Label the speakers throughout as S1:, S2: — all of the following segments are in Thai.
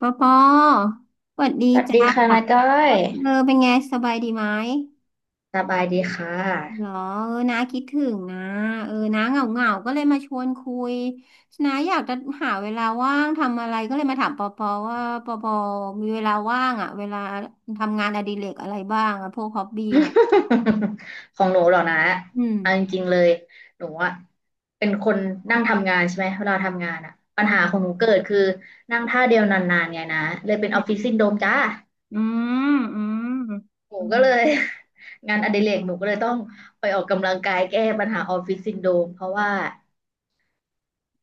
S1: ปอปอสวัสดี
S2: สวัส
S1: จ
S2: ดีค่ะ
S1: ้า
S2: นาก้อย
S1: เออเป็นไงสบายดีไหม
S2: สบายดีค่ะ
S1: เหรอเออน้าคิดถึงนะเออน้าเหงาเหงาก็เลยมาชวนคุยน้าอยากจะหาเวลาว่างทำอะไรก็เลยมาถามปอปอว่าปอปอมีเวลาว่างอ่ะเวลาทำงานอดิเรกอะไรบ้างอ่ะพวกฮอบบี้ของ
S2: ของหนูเหรอนะ
S1: อืม
S2: เอาจริงๆเลยหนูอะเป็นคนนั่งทำงานใช่ไหมเวลาทำงานอะปั
S1: อื
S2: ญหาของ
S1: ม
S2: หนูเกิดคือนั่งท่าเดียวนานๆไงนะเลยเป็น
S1: อื
S2: ออฟฟิศ
S1: ม
S2: ซินโดรมจ้า
S1: อืม
S2: หนู
S1: อื
S2: ก็
S1: ม
S2: เลย งานอดิเรกหนูก็เลยต้องไปออกกำลังกายแก้ปัญหาออฟฟิศซินโดรมเพราะว่า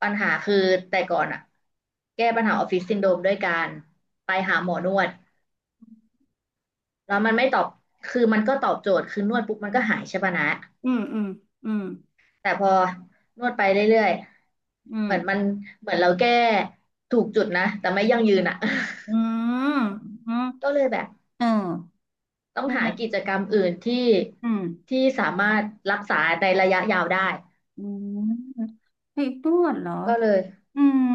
S2: ปัญหาคือแต่ก่อนอะแก้ปัญหาออฟฟิศซินโดรมด้วยการไปหาหมอนวด แล้วมันไม่ตอบ คือมันก็ตอบโจทย์ คือนวดปุ๊บมันก็หายใช่ปะนะ
S1: อืมอืมอืม
S2: แต่พอนวดไปเรื่อย
S1: อื
S2: ๆ
S1: ม
S2: เหมือนมันเหมือนเราแก้ถูกจุดนะ แต่ไม่ยั่งยืนอ่ะ
S1: อืมอืม
S2: ก็เลยแบบ
S1: อืม
S2: ต้อง
S1: อืม
S2: หา
S1: อื
S2: กิ
S1: ม
S2: จกรรมอื่นที่
S1: อืม
S2: ที่สามารถรักษาในระยะยาวได้
S1: อืมไปนวดเหรอ
S2: ก็เลย
S1: อืม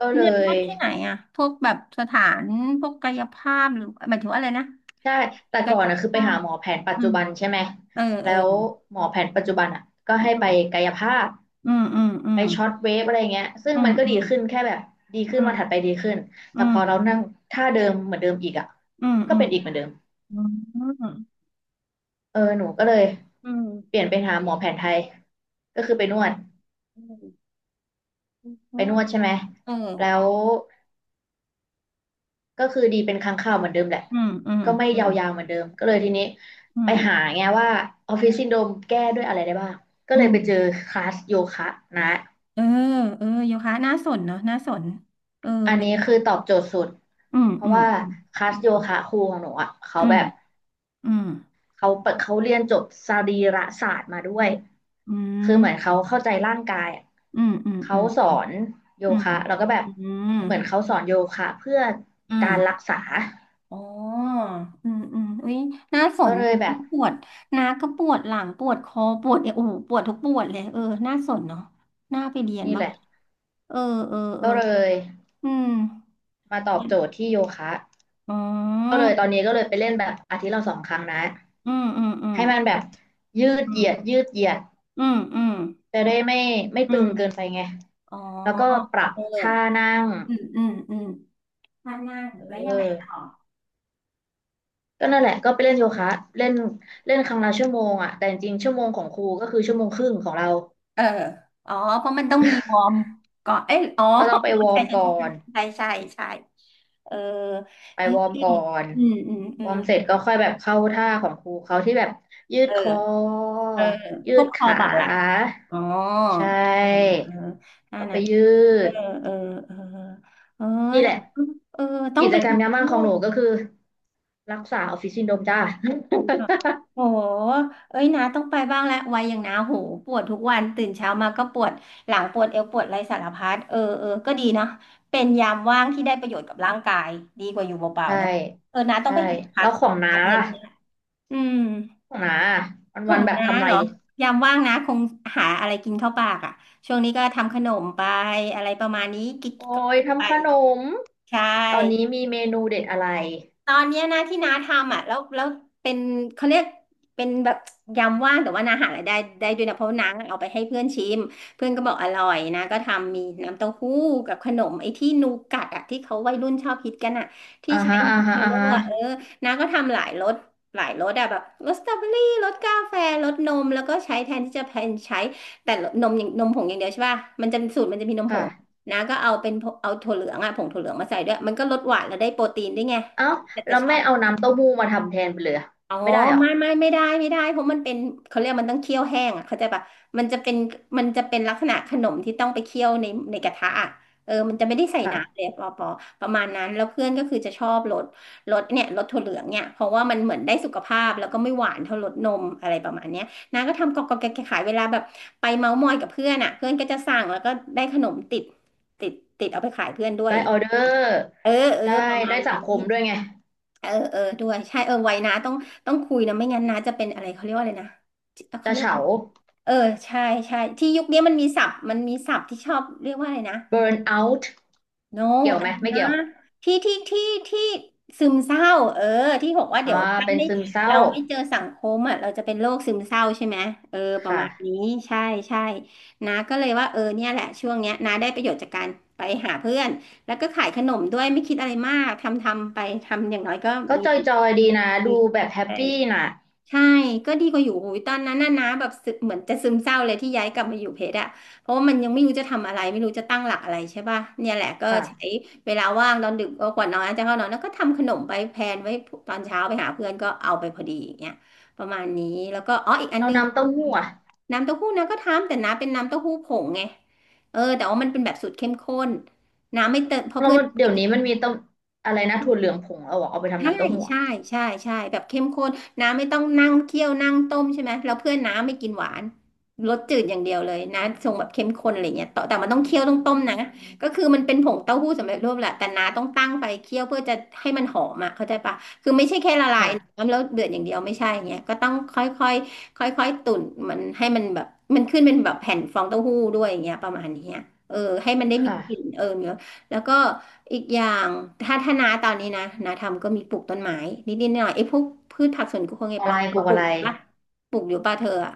S2: ก็
S1: น
S2: เล
S1: วดน
S2: ย
S1: วดที่ไหนอ่ะพวกแบบสถานพวกกายภาพหรือหมายถึงว่าอะไรนะ
S2: ใช่แต่
S1: กา
S2: ก่อ
S1: ย
S2: นนะคือไป
S1: ภา
S2: หา
S1: พ
S2: หมอแผนปัจ
S1: อื
S2: จุ
S1: ม
S2: บันใช่ไหม
S1: เออเอ
S2: แล้
S1: อ
S2: วหมอแผนปัจจุบันอ่ะก็ให้ไปกายภาพ
S1: อืมอืมอื
S2: ไป
S1: ม
S2: ช็อตเวฟอะไรเงี้ยซึ่ง
S1: อื
S2: มั
S1: ม
S2: นก็
S1: อื
S2: ดี
S1: ม
S2: ขึ้นแค่แบบดีขึ้น
S1: อื
S2: วั
S1: ม
S2: นถัดไปดีขึ้น
S1: อื
S2: แต่พ
S1: ม
S2: อเรานั่งท่าเดิมเหมือนเดิมอีกอ่ะ
S1: อืม
S2: ก็
S1: อืม
S2: เป็นอีกเหมือนเดิม
S1: อืมอื
S2: เออหนูก็เลย
S1: ม
S2: เปลี่ยนไปหาหมอแผนไทย ก็คือไปนวด
S1: เพ
S2: ไป
S1: ราะ
S2: น
S1: ว่า
S2: วดใช่ไหม
S1: เออ
S2: แล้ว ก็คือดีเป็นครั้งคราวเหมือนเดิมแหละ
S1: อืมอืม
S2: ก็ไม่
S1: อื
S2: ย
S1: ม
S2: าวๆเหมือนเดิม ก็เลยทีนี้
S1: อื
S2: ไป
S1: ม
S2: หาไงว่าออฟฟิศซินโดรมแก้ด้วยอะไรได้บ้าง ก็
S1: อื
S2: เลย
S1: ม
S2: ไปเจอคลาสโยคะนะ
S1: เออเออโยคะน่าสนเนาะน่าสนเออ
S2: อัน
S1: เป็น
S2: นี้คือตอบโจทย์สุด
S1: อืม
S2: เพ
S1: อื
S2: ราะ
S1: ม
S2: ว่าคลาสโยคะครูของหนูอ่ะเขา
S1: อื
S2: แบ
S1: ม
S2: บ
S1: อืม
S2: เขาเปิดเขาเรียนจบสรีระศาสตร์มาด้วย
S1: อื
S2: คือ
S1: ม
S2: เหมือนเขาเข้าใจร่างกายอะ
S1: อืมอืมอื
S2: เขา
S1: ม
S2: สอนโย
S1: อืม
S2: คะแล้วก็แบบ
S1: อืม
S2: เหมือนเขาสอนโยคะเพื่อ
S1: อื
S2: กา
S1: ม
S2: รรักษา
S1: อ๋ออืมอืมอุ้ยน่าส
S2: ก็
S1: น
S2: เลยแบบ
S1: นะปวดนะก็ปวดหลังปวดคอปวดเอวโอ้โหปวดทุกปวดเลยเออน่าสนเนาะน่าไปเรียน
S2: นี่
S1: มา
S2: แหละ
S1: กเออเออเออ
S2: ก็เลย
S1: อืม
S2: มาตอบโจทย์ที่โยคะ
S1: อ๋
S2: ก็
S1: อ
S2: เลยตอนนี้ก็เลยไปเล่นแบบอาทิตย์ละ2 ครั้งนะ
S1: อืมอืมอืม
S2: ให้มันแบบยืด
S1: อื
S2: เห
S1: ม
S2: ยียดยืดเหยียด
S1: อืมอืม
S2: จะได้ไม่
S1: อื
S2: ตึ
S1: ม
S2: งเกินไปไง
S1: อ๋อ
S2: แล้วก็ปรับ
S1: เอ
S2: ท่า
S1: อ
S2: นั่ง
S1: อืมอืมอืมถ้านั่งแล้วยังไง
S2: เออ
S1: ต่อ
S2: ก็นั่นแหละก็ไปเล่นโยคะเล่นเล่นครั้งละชั่วโมงอ่ะแต่จริงๆชั่วโมงของครูก็คือชั่วโมงครึ่งของเรา
S1: เอออ๋อ เพราะมันต้องมีวอร์มก่อนเอ้ยอ๋อ
S2: ก็ต้องไปวอร์มก่อน
S1: ใช่ใช่ใช่ใช่ใช่ใช่เออ
S2: ไป
S1: เฮ้
S2: วอร์มก่
S1: ย
S2: อน
S1: อืมอืมอื
S2: วอ
S1: ม
S2: ร์มเสร็จก็ค่อยแบบเข้าท่าของครูเขาที่แบบยืด
S1: เออ
S2: คอ
S1: เออ
S2: ยื
S1: พว
S2: ด
S1: กคอ
S2: ขา
S1: บ่าไหล่อ๋อ
S2: ใช่
S1: เออเอออั
S2: ก็
S1: น
S2: ไป
S1: นั้น
S2: ยื
S1: เออ
S2: ด
S1: เออเออเออ
S2: นี่แห
S1: นะ
S2: ละ
S1: เออต้อง
S2: กิ
S1: ไป
S2: จกร
S1: ดู
S2: รมยามว่า
S1: ด้
S2: งขอ
S1: ว
S2: ง
S1: ย
S2: หนูก็คือรักษาออฟฟิศซินโดรมจ้า
S1: โหเอ้ยนาต้องไปบ้างแล้ววัยอย่างนาโหปวดทุกวันตื่นเช้ามาก็ปวดหลังปวดเอวปวดอะไรสารพัดเออเออก็ดีนะเป็นยามว่างที่ได้ประโยชน์กับร่างกายดีกว่าอยู่เป ล่า
S2: ใช่
S1: ๆเนาะเออนาต้อง
S2: ใช่
S1: ไปหาคลา
S2: แล้
S1: ส
S2: วของ
S1: ค
S2: น้า
S1: ลาสเรียน
S2: ล่ะ
S1: อืม
S2: ของน้าวัน
S1: ขอ
S2: วัน
S1: ง
S2: ๆแบบ
S1: น้า
S2: ทำอะไร
S1: เหรอยามว่างนะคงหาอะไรกินเข้าปากอ่ะช่วงนี้ก็ทำขนมไปอะไรประมาณนี้กิ๊ก
S2: โอ้
S1: ๆก็
S2: ย
S1: ไป
S2: ทำขนม
S1: ใช่
S2: ตอนนี้มีเมนูเด็ดอะไร
S1: ตอนเนี้ยนะที่น้าทำอ่ะแล้วเป็นเขาเรียกเป็นแบบยำว่างแต่ว่าน้าหารายได้ได้ด้วยนะเพราะว่าน้าเอาไปให้เพื่อนชิมเพื่อนก็บอกอร่อยนะก็ทำมีน้ำเต้าหู้กับขนมไอ้ที่นูกัดอ่ะที่เขาวัยรุ่นชอบฮิตกันอ่ะที่
S2: อ่า
S1: ใช้
S2: ฮะอ่า
S1: มัช
S2: ฮะ
S1: เมล
S2: อ่า
S1: โล่
S2: ฮะ
S1: อ่ะเออน้าก็ทำหลายรสหลายรสอ่ะแบบรสสตรอเบอรี่รสกาแฟรสนมแล้วก็ใช้แทนที่จะเป็นใช้แต่นมอย่างนมผงอย่างเดียวใช่ป่ะมันจะสูตรมันจะมีนมผ
S2: ค่ะ
S1: งนะก็เอาเป็นเอาถั่วเหลืองอะผงถั่วเหลืองมาใส่ด้วยมันก็ลดหวานแล้วได้โปรตีนด้วยไง
S2: เอ้า
S1: แต่
S2: แล้
S1: จะ
S2: ว
S1: ชอ
S2: ไม่
S1: บ
S2: เอาน้ำเต้าหู้มาทำแทนไปเลยอะ
S1: อ๋อ
S2: ไม่ได้เหรอ
S1: ไม่ได้เพราะมันเป็นเขาเรียกมันต้องเคี่ยวแห้งอ่ะเข้าใจปะมันจะเป็นมันจะเป็นลักษณะขนมที่ต้องไปเคี่ยวในในกระทะอ่ะเออมันจะไม่ได้ใส่น้ำเลย
S2: ค่ะ
S1: ปอปอประมาณนั้นแล้วเพื่อนก็คือจะชอบรสรสเนี่ยรสถั่วเหลืองเนี่ยเพราะว่ามันเหมือนได้สุขภาพแล้วก็ไม่หวานเท่ารสนมอะไรประมาณเนี้ยนางก็ทำกอกกอกแกะขายเวลาแบบไปเมาท์มอยกับเพื่อนอ่ะเพื่อนก็จะสั่งแล้วก็ได้ขนมติดติดติดเอาไปขายเพื่อนด้วย
S2: ได้ออเดอร์
S1: เออเอ
S2: ได้
S1: อประมา
S2: ได้
S1: ณ
S2: สังคม
S1: นี้
S2: ด้วยไง
S1: เออเออด้วยใช่เออไว้นะต้องต้องคุยนะไม่งั้นนะจะเป็นอะไรเขาเรียกว่าอะไรนะเขา
S2: จะ
S1: เรียกว่า
S2: เฉา
S1: อะไรเออใช่ใช่ที่ยุคนี้มันมีศัพท์มันมีศัพท์ที่ชอบเรียกว่าอะไรนะ
S2: เบิร์นเอา u ์
S1: โน
S2: เกี่ยว
S1: อะ
S2: ไหม
S1: ไร
S2: ไม่
S1: นะ
S2: เกี่ยว
S1: ที่ที่ที่ที่ซึมเศร้าเออที่บอกว่า
S2: อ่า
S1: เดี๋ยวถ้า
S2: เป็น
S1: ไม่
S2: ซึมเศร้า
S1: เราไม่เจอสังคมอ่ะเราจะเป็นโรคซึมเศร้าใช่ไหมเออป
S2: ค
S1: ระมาณนี้
S2: ่ะ
S1: ใช่ใช่นะก็เลยว่าเออเนี่ยแหละช่วงเนี้ยนาได้ประโยชน์จากการไปหาเพื่อนแล้วก็ขายขนมด้วยไม่คิดอะไรมากทำทำไปทำอย่างน้อยก็
S2: ก็
S1: มี
S2: จอยๆดีนะ
S1: ใช
S2: ดูแบบแฮป
S1: ่
S2: ปี้น่ะ
S1: ใช่ก็ดีกว่าอยู่โอ้ยตอนนั้นน่ะนะแบบซึเหมือนจะซึมเศร้าเลยที่ย้ายกลับมาอยู่เพชรอะเพราะว่ามันยังไม่รู้จะทำอะไรไม่รู้จะตั้งหลักอะไรใช่ป่ะเนี่ยแหละก็ใช้
S2: ค่ะ
S1: เวลาว่างตอนดึกก็ก่อนนอนจะเข้านอนแล้วก็ทำขนมไปแพลนไว้ตอนเช้าไปหาเพื่อนก็เอาไปพอดีอย่างเงี้ยประมาณนี้แล้วก็อ๋ออีกอัน
S2: เรา
S1: นึง
S2: น้ำเต้าหู้อ่ะ
S1: น้ำเต้าหู้นะก็ทำแต่น้ำเป็นน้ำเต้าหู้ผงไงเออแต่ว่ามันเป็นแบบสูตรเข้มข้นน้ำไม่เติมเพราะ
S2: เรา
S1: เพื่อน
S2: เดี๋ยวนี้มันมีเต้าอะไรนะถั่วเหลืองผงเอาอะเอาไปทำ
S1: ใช่
S2: น้ำเต้าหู้อะ
S1: ใช่ ใช่ ใช่ แบบเข้มข้นน้าไม่ต้องนั่งเคี่ยว นั่งต้มใช่ไหม แล้วเพื่อนน้าไม่กินหวานรสจืดอย่างเดียวเลยน้าทรงแบบเข้มข้นอะไรเงี้ยต่อแต่มันต้องเคี่ยวต้องต้มนะก็คือมันเป็นผงเต้าหู้สำเร็จรูปแหละแต่น้าต้องตั้งไฟเคี่ยวเพื่อจะให้มันหอมอ่ะเข้าใจปะคือไม่ใช่แค่ละลาย
S2: ค่ะ
S1: น้ำแล้วเดือดอย่างเดียวไม่ใช่อย่างเงี้ยก็ต้องค่อยค่อยๆตุ๋นมันให้มันแบบมันขึ้นเป็นแบบแผ่นฟองเต้าหู้ด้วยอย่างเงี้ยประมาณเนี้ยเออให้มันได้มี
S2: ค่ะ
S1: กลิ่นเออเนื้อแล้วก็ อีกอย่างถ้านาตอนนี้นะนาทำก็มีปลูกต้นไม้นิดๆหน่อยๆไอ้พวกพืชผักสวนครัว
S2: ปลูก
S1: ไง
S2: อะ
S1: ปอ
S2: ไรป
S1: เขา
S2: ลูก
S1: ปลู
S2: อะ
S1: ก
S2: ไร
S1: ปะปลูกอยู่ปะเธออะ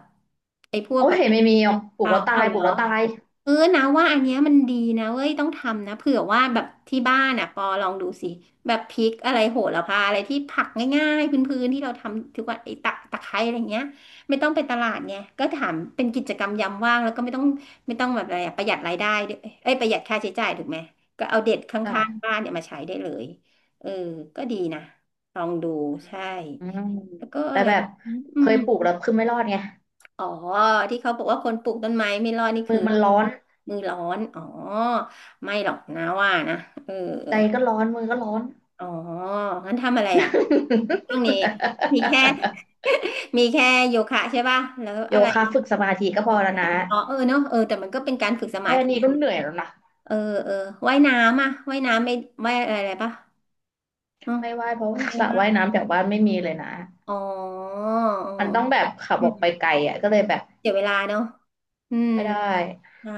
S1: ไอ้พวก
S2: โอ้
S1: แบ
S2: ย
S1: บ
S2: ไม่มีหรอกปลูก
S1: เอา
S2: แล้วตา
S1: เอา
S2: ย
S1: เห
S2: ป
S1: ร
S2: ลู
S1: อ
S2: กแล้วตาย
S1: เออนะว่าอันเนี้ยมันดีนะเว้ยต้องทำนะเผื่อว่าแบบที่บ้านอ่ะปอลองดูสิแบบพริกอะไรโหระพาอะไรที่ผักง่ายๆพื้นๆที่เราทำทุกวันไอ้ตะไคร้อะไรเงี้ยไม่ต้องไปตลาดไงก็ถามเป็นกิจกรรมยามว่างแล้วก็ไม่ต้องไม่ต้องแบบอะไรอะประหยัดรายได้ด้วยเอ้ยประหยัดค่าใช้จ่ายถูกไหมก็เอาเด็ดข้างๆบ้า
S2: ค่ะ
S1: นเนี่ยมาใช้ได้เลยเออก็ดีนะลองดูใช่
S2: อืม
S1: แล้วก็
S2: แต่
S1: อะไร
S2: แบบ
S1: อื
S2: เค
S1: ม
S2: ยปลูกแล้วคือไม่รอดไง
S1: อ๋อที่เขาบอกว่าคนปลูกต้นไม้ไม่รอดนี่
S2: มื
S1: คือ
S2: อมันร้อน
S1: มือร้อนอ๋อไม่หรอกนะว่านะเออ
S2: ใจก็ร้อนมือก็ร้อน
S1: อ๋องั้นทำอะไรอ่ะช่วงนี้มีแค่ มีแค่โยคะใช่ป่ะแล้ว
S2: โย
S1: อะไร
S2: คะฝึกสมาธิก็พ
S1: ฝึ
S2: อ
S1: กส
S2: แล้ว
S1: มา
S2: นะ
S1: ธิอ๋อเออเนอะเออแต่มันก็เป็นการฝึกสมา
S2: แค่
S1: ธิ
S2: นี้
S1: อย่า
S2: ก็
S1: ง
S2: เหนื่อยแล้วนะ
S1: เออเออว่ายน้ำอ่ะว่ายน้ำไม่ว่ายอะไรป่ะอ๋อ
S2: ไม่ว่ายเพราะ
S1: ไม่
S2: สระ
S1: ว่าย
S2: ว่ายน้ำแถวบ้านไม่มีเลยนะ
S1: อ๋อเออ
S2: มันต้องแบบขับ
S1: อื
S2: ออก
S1: ม
S2: ไปไกลอ่ะก็เลยแบบ
S1: เสียเวลาเนอะอืม
S2: ไม่ได้
S1: ใช่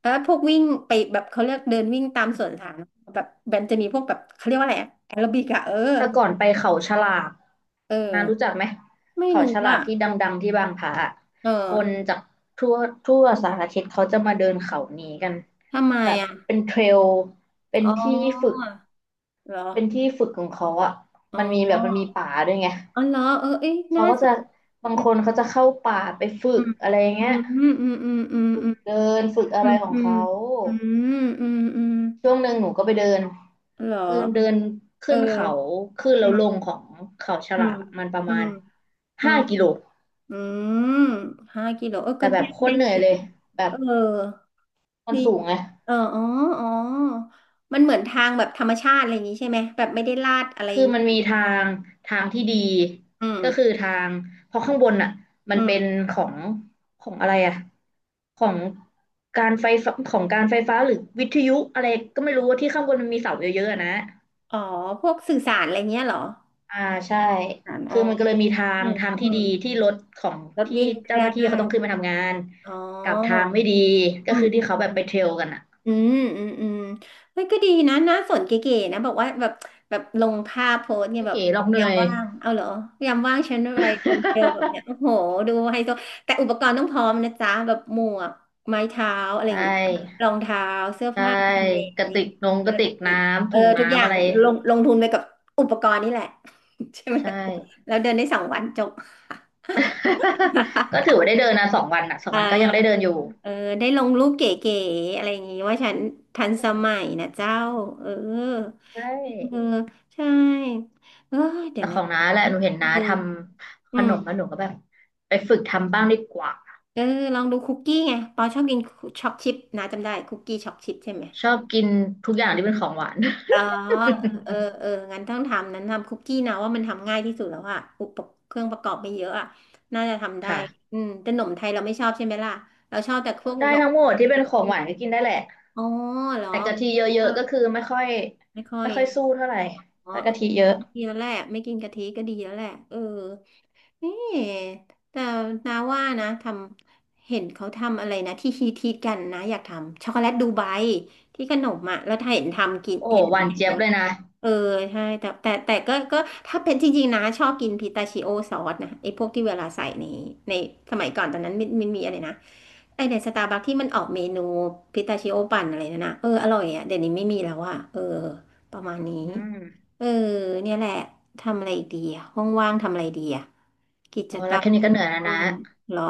S1: แล้วพวกวิ่งไปแบบเขาเรียกเดินวิ่งตามสวนสาธารณะแบบแบนจะมีพวกแบบเขาเรียกว่าอะไรอะแอโรบิกอะเออ
S2: แต่ก่อนไปเขาฉลาก
S1: เออ
S2: นารู้จักไหม
S1: ไม่
S2: เขา
S1: รู้
S2: ฉลา
S1: อ่ะ
S2: กที่ดังๆที่บางพระอะ
S1: เออ
S2: คนจากทั่วทั่วสารทิศเขาจะมาเดินเขานี้กัน
S1: ทำไม
S2: แบบ
S1: อะ
S2: เป็นเทรลเป็น
S1: อ๋อ
S2: ที่ฝึก
S1: เหรอ
S2: เป็นที่ฝึกของเขาอ่ะ
S1: อ๋อ
S2: มันมีแบ
S1: อ๋
S2: บมันมีป่าด้วยไง
S1: อเหรอเออเอ้ย
S2: เขา
S1: น่า
S2: ก็
S1: ส
S2: จะ
S1: น
S2: บาง
S1: อื
S2: คนเขาจะเข้าป่าไปฝึ
S1: มอื
S2: ก
S1: ม
S2: อะไรอย่าง
S1: อื
S2: เงี้ย
S1: มอืมอืมอืม
S2: ฝึ
S1: อื
S2: ก
S1: ม
S2: เดินฝึกอะ
S1: อื
S2: ไร
S1: ม
S2: ของ
S1: อืม
S2: เขา
S1: อืมอืมอืม
S2: ช่วงหนึ่งหนูก็ไปเดิน
S1: เหรอ
S2: คือเดิน
S1: เออ
S2: ขึ้นเขาขึ้นแล้
S1: อื
S2: วล
S1: ม
S2: งของเขาฉ
S1: อื
S2: ลา
S1: ม
S2: มันประ
S1: อื
S2: มา
S1: ม
S2: ณ
S1: อื
S2: ห้า
S1: ม
S2: กิโล
S1: อืม5 กิโลเออ
S2: แต่
S1: ก็
S2: แบ
S1: ได้
S2: บโค
S1: ได้
S2: ตรเหนื่อย
S1: เกือบ
S2: เลยแบ
S1: เอ
S2: บ
S1: อ
S2: มัน
S1: ดี
S2: สูงไง
S1: เอออ๋ออ๋อ มันเหมือนทางแบบธรรมชาติอะไรอย่างนี้ใช่ไหม แบบไม่ได้ลาดอะไร
S2: คือมันมีงทางที่ดี
S1: อืม
S2: ก็คือทางเพราะข้างบนอ่ะมั
S1: อื
S2: นเป็น
S1: ม
S2: ของของอะไรอ่ะของการไฟฟ้าของการไฟฟ้าหรือวิทยุอะไรก็ไม่รู้ว่าที่ข้างบนมันมีเสาเยอะๆอะนะ
S1: อ๋อ พวกสื่อสารอะไรเงี้ยเหรอ
S2: อ่าใช่
S1: สาร
S2: คื
S1: อ๋
S2: อ
S1: อ
S2: มันก็เลยมีทาง
S1: อืม
S2: ทาง
S1: อื
S2: ที่
S1: ม
S2: ดีที่รถของ
S1: รถ
S2: ที่
S1: วิ่ง
S2: เจ้า
S1: ได้
S2: หน้าที่เขาต้องขึ้นมาทำงาน
S1: อ๋
S2: กับทา
S1: อ
S2: งไม่ดีก็
S1: อืม
S2: คือ
S1: อื
S2: ที่
S1: ม
S2: เขาแบบไปเทรลกันอ่ะ
S1: อืมอืมอืมเฮ้ยก็ดีนะน่าสนเก๋ๆนะบอกว่าแบบแบบลงภาพโพสต์เนี่ย
S2: ไม่
S1: แบบ
S2: เก๋หรอกเห
S1: ยา
S2: นื่
S1: ม
S2: อย
S1: ว่างเอาเหรอยามว่างฉันอะไรเดินเทรลแบบเนี้ยโอ้โหดูไฮโซแต่อุปกรณ์ต้องพร้อมนะจ๊ะแบบหมวกไม้เท้าอะไร อย่าง
S2: ใช่
S1: งี้รองเท้าเสื้อ
S2: ใช่
S1: ผ้ากันแดด
S2: ก
S1: อะ
S2: ระ
S1: ไรอ
S2: ติ
S1: ย่าง
S2: กน
S1: งี้
S2: งกระติกน้ำ
S1: เออ
S2: ถุง
S1: ทุกอ
S2: น้ำ
S1: ย่าง
S2: อะไร
S1: ลงลงทุนไปกับอุปกรณ์นี่แหละ ใช่ไหม
S2: ใช่
S1: แล้วเดินได้สองวันจบ
S2: ก็ถื อว่าได้เดินนะ2 วันอ่ะสอง
S1: อ่า
S2: วันก็ยังได้เดินอยู่
S1: เออได้ลงรูปเก๋ๆอะไรอย่างงี้ว่าฉันทันสมัยนะเจ้าเออ
S2: ใช
S1: เออ
S2: ่
S1: ใช่เออเดี๋
S2: แต่
S1: ยว
S2: ข
S1: นะ
S2: องน้าแหละหนูเห็น
S1: เอ
S2: น้า
S1: อ
S2: ทำข
S1: อืม
S2: นมแล้วหนูก็แบบไปฝึกทำบ้างดีกว่า
S1: เออลองดูคุกกี้ไงปอชอบกินช็อกชิพนะจำได้คุกกี้ช็อกชิพใช่ไหม
S2: ชอบกินทุกอย่างที่เป็นของหวาน
S1: อ๋อเออเอองั้นต้องทำนั้นทำคุกกี้นะว่ามันทำง่ายที่สุดแล้วอะอุปกรณ์เครื่องประกอบไม่เยอะอะน่าจะทำได้
S2: ค่ะ
S1: อืมแต่หนมไทยเราไม่ชอบใช่ไหมล่ะเราชอบแต่พวก
S2: ได้
S1: หนม
S2: ทั้งหมดที่เป็นของหวานก็กินได้แหละ
S1: อ๋อเหรอ
S2: แต่กะทิเยอะๆก็คือไม่ค่อย
S1: ไม่ค่อ
S2: ไม่
S1: ย
S2: ค่อย
S1: นะ
S2: สู้เท่าไหร่
S1: อ๋อ
S2: ถ้ากะทิเยอะ
S1: เออดีแล้วแหละไม่กินกะทิก็ดีแล้วแหละ เออนี่แต่นาว่านะ ทำ เห็นเขาทำอะไรนะ ที่ฮิตกันนะ อยากทำ ช็อกโกแลตดูไบที่ขนมอ่ะแล้วถ้าเห็นทำกิน
S2: โอ้โหหวาน
S1: เห็น
S2: เจี๊ยบเลยนะ
S1: เออใช่แต่ก็ถ้าเป็นจริงๆนะชอบกินพิตาชิโอซอสนะไอ้พวกที่เวลาใส่ในสมัยก่อนตอนนั้นมันมีอะไรนะไอ้ในสตาร์บัคที่มันออกเมนูพิตาชิโอปั่นอะไรนั่นนะเอออร่อยอ่ะเดี๋ยวนี้ไม่มีแล้วอ่ะเออประมาณนี้
S2: อืม
S1: เออเนี่ยแหละทำอะไรอีกดีอะห้องว่างๆทำอะไรดีอะกิ
S2: พ
S1: จ
S2: อ
S1: ก
S2: แล้วแค่
S1: ร
S2: นี้ก็เหนื่อยแล้ว
S1: อ่า
S2: นะ
S1: เหรอ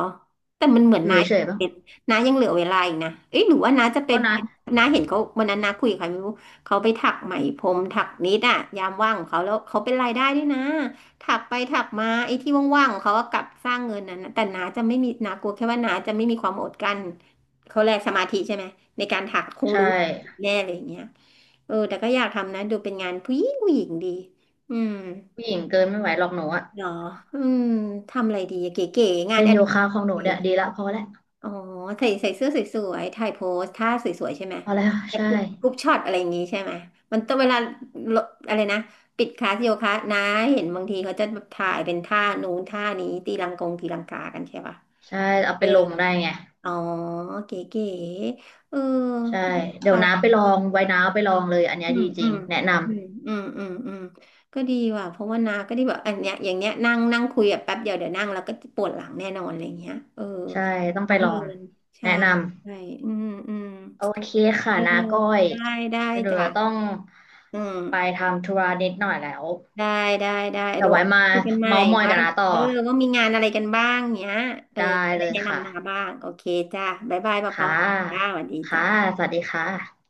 S1: แต่มันเหมือน
S2: อยู่
S1: น้า
S2: เฉย
S1: ยั
S2: ๆ
S1: ง
S2: บ้าง
S1: เป็นน้ายังเหลือเวลาอีกนะเอ้ยหรือว่าน้าจะ
S2: ก็นะ
S1: เป็นน้าเห็นเขาวันนั้นน้าคุยกับใครไม่รู้เขาไปถักไหมพรมถักนิดอะยามว่างของเขาแล้วเขาเป็นรายได้ด้วยนะถักไปถักมาไอ้ที่ว่างๆของเขาก็กลับสร้างเงินนั้นนะแต่น้าจะไม่มีน้ากลัวแค่ว่าน้าจะไม่มีความอดกลั้นเขาแลกสมาธิใช่ไหมในการถักคง
S2: ใช่
S1: รู้อแน่เลยอย่างเงี้ยเออแต่ก็อยากทำนะดูเป็นงานผู้หญิงผู้หญิงดีอืม
S2: ผู้หญิงเกินไม่ไหวหรอกหนูอะ
S1: เหรออืมทำอะไรดีเก๋ๆงาน
S2: เล่น
S1: อ
S2: โย
S1: ดิ
S2: คะของหนู
S1: เร
S2: เนี่ย
S1: ก
S2: ดีละพอแล้ว
S1: อ๋อใส่เสื้อสวยๆถ่ายโพสท่าสวยๆใช่ไหม
S2: พอแล้ว
S1: แบบ
S2: ใช่
S1: กรุ๊ปช็อตอะไรอย่างงี้ใช่ไหม มันต้องเวลาลดอะไรนะ ปิดคลาสโยคะนะเห็นบางทีเขาจะแบบถ่ายเป็นท่านู้นท่านี้ตีลังกงตีลังกากันใช่ปะ
S2: ใช่เอา
S1: เอ
S2: ไป
S1: อ
S2: ลงได้ไง
S1: อ๋อ เก๋ๆเออ
S2: ใช่
S1: ไม่ต้อง
S2: เดี๋ย
S1: ไป
S2: วน้าไปลองไว้น้าเอาไปลองเลยอันเนี้
S1: อื
S2: ย
S1: ม
S2: ดีจ
S1: อื
S2: ริง
S1: ม
S2: แนะน
S1: อืมอืมอืมอืมก็ดีว่ะเพราะว่านาก็ได้แบบอันเนี้ยอย่างเนี้ยนั่งนั่งคุยแบบแป๊บเดียวเดี๋ยวนั่งแล้วก็ปวดหลังแน่นอนอะไรเงี้ยเออ
S2: ำใช่ต้อง
S1: ต้
S2: ไป
S1: อง
S2: ลอ
S1: เดิ
S2: ง
S1: นใช่
S2: แนะ
S1: ใช่
S2: นำ
S1: อืมอืม
S2: โอเคค่ะ
S1: เออ
S2: นาก้อย
S1: ได้ได้
S2: เดี๋ยวหนู
S1: จ้ะ
S2: จะต้อง
S1: อืม
S2: ไปทำธุระนิดหน่อยแล้ว
S1: ได้ได้ได้
S2: แต่
S1: เดี๋ยว
S2: ไว้มา
S1: คุยกันใหม่
S2: เม้าท์มอย
S1: ว่า
S2: กันนะต่อ
S1: เออว่ามีงานอะไรกันบ้างเนี้ยเออ
S2: ได้
S1: จะ
S2: เล
S1: ได้
S2: ย
S1: แนะ
S2: ค่ะ
S1: นำนาบ้างโอเคจ้ะบ๊ายบายปอปอ
S2: ค่ะ
S1: จ้าสวัสดี
S2: ค่ะ
S1: จ้ะ
S2: สวัสดีค่ะ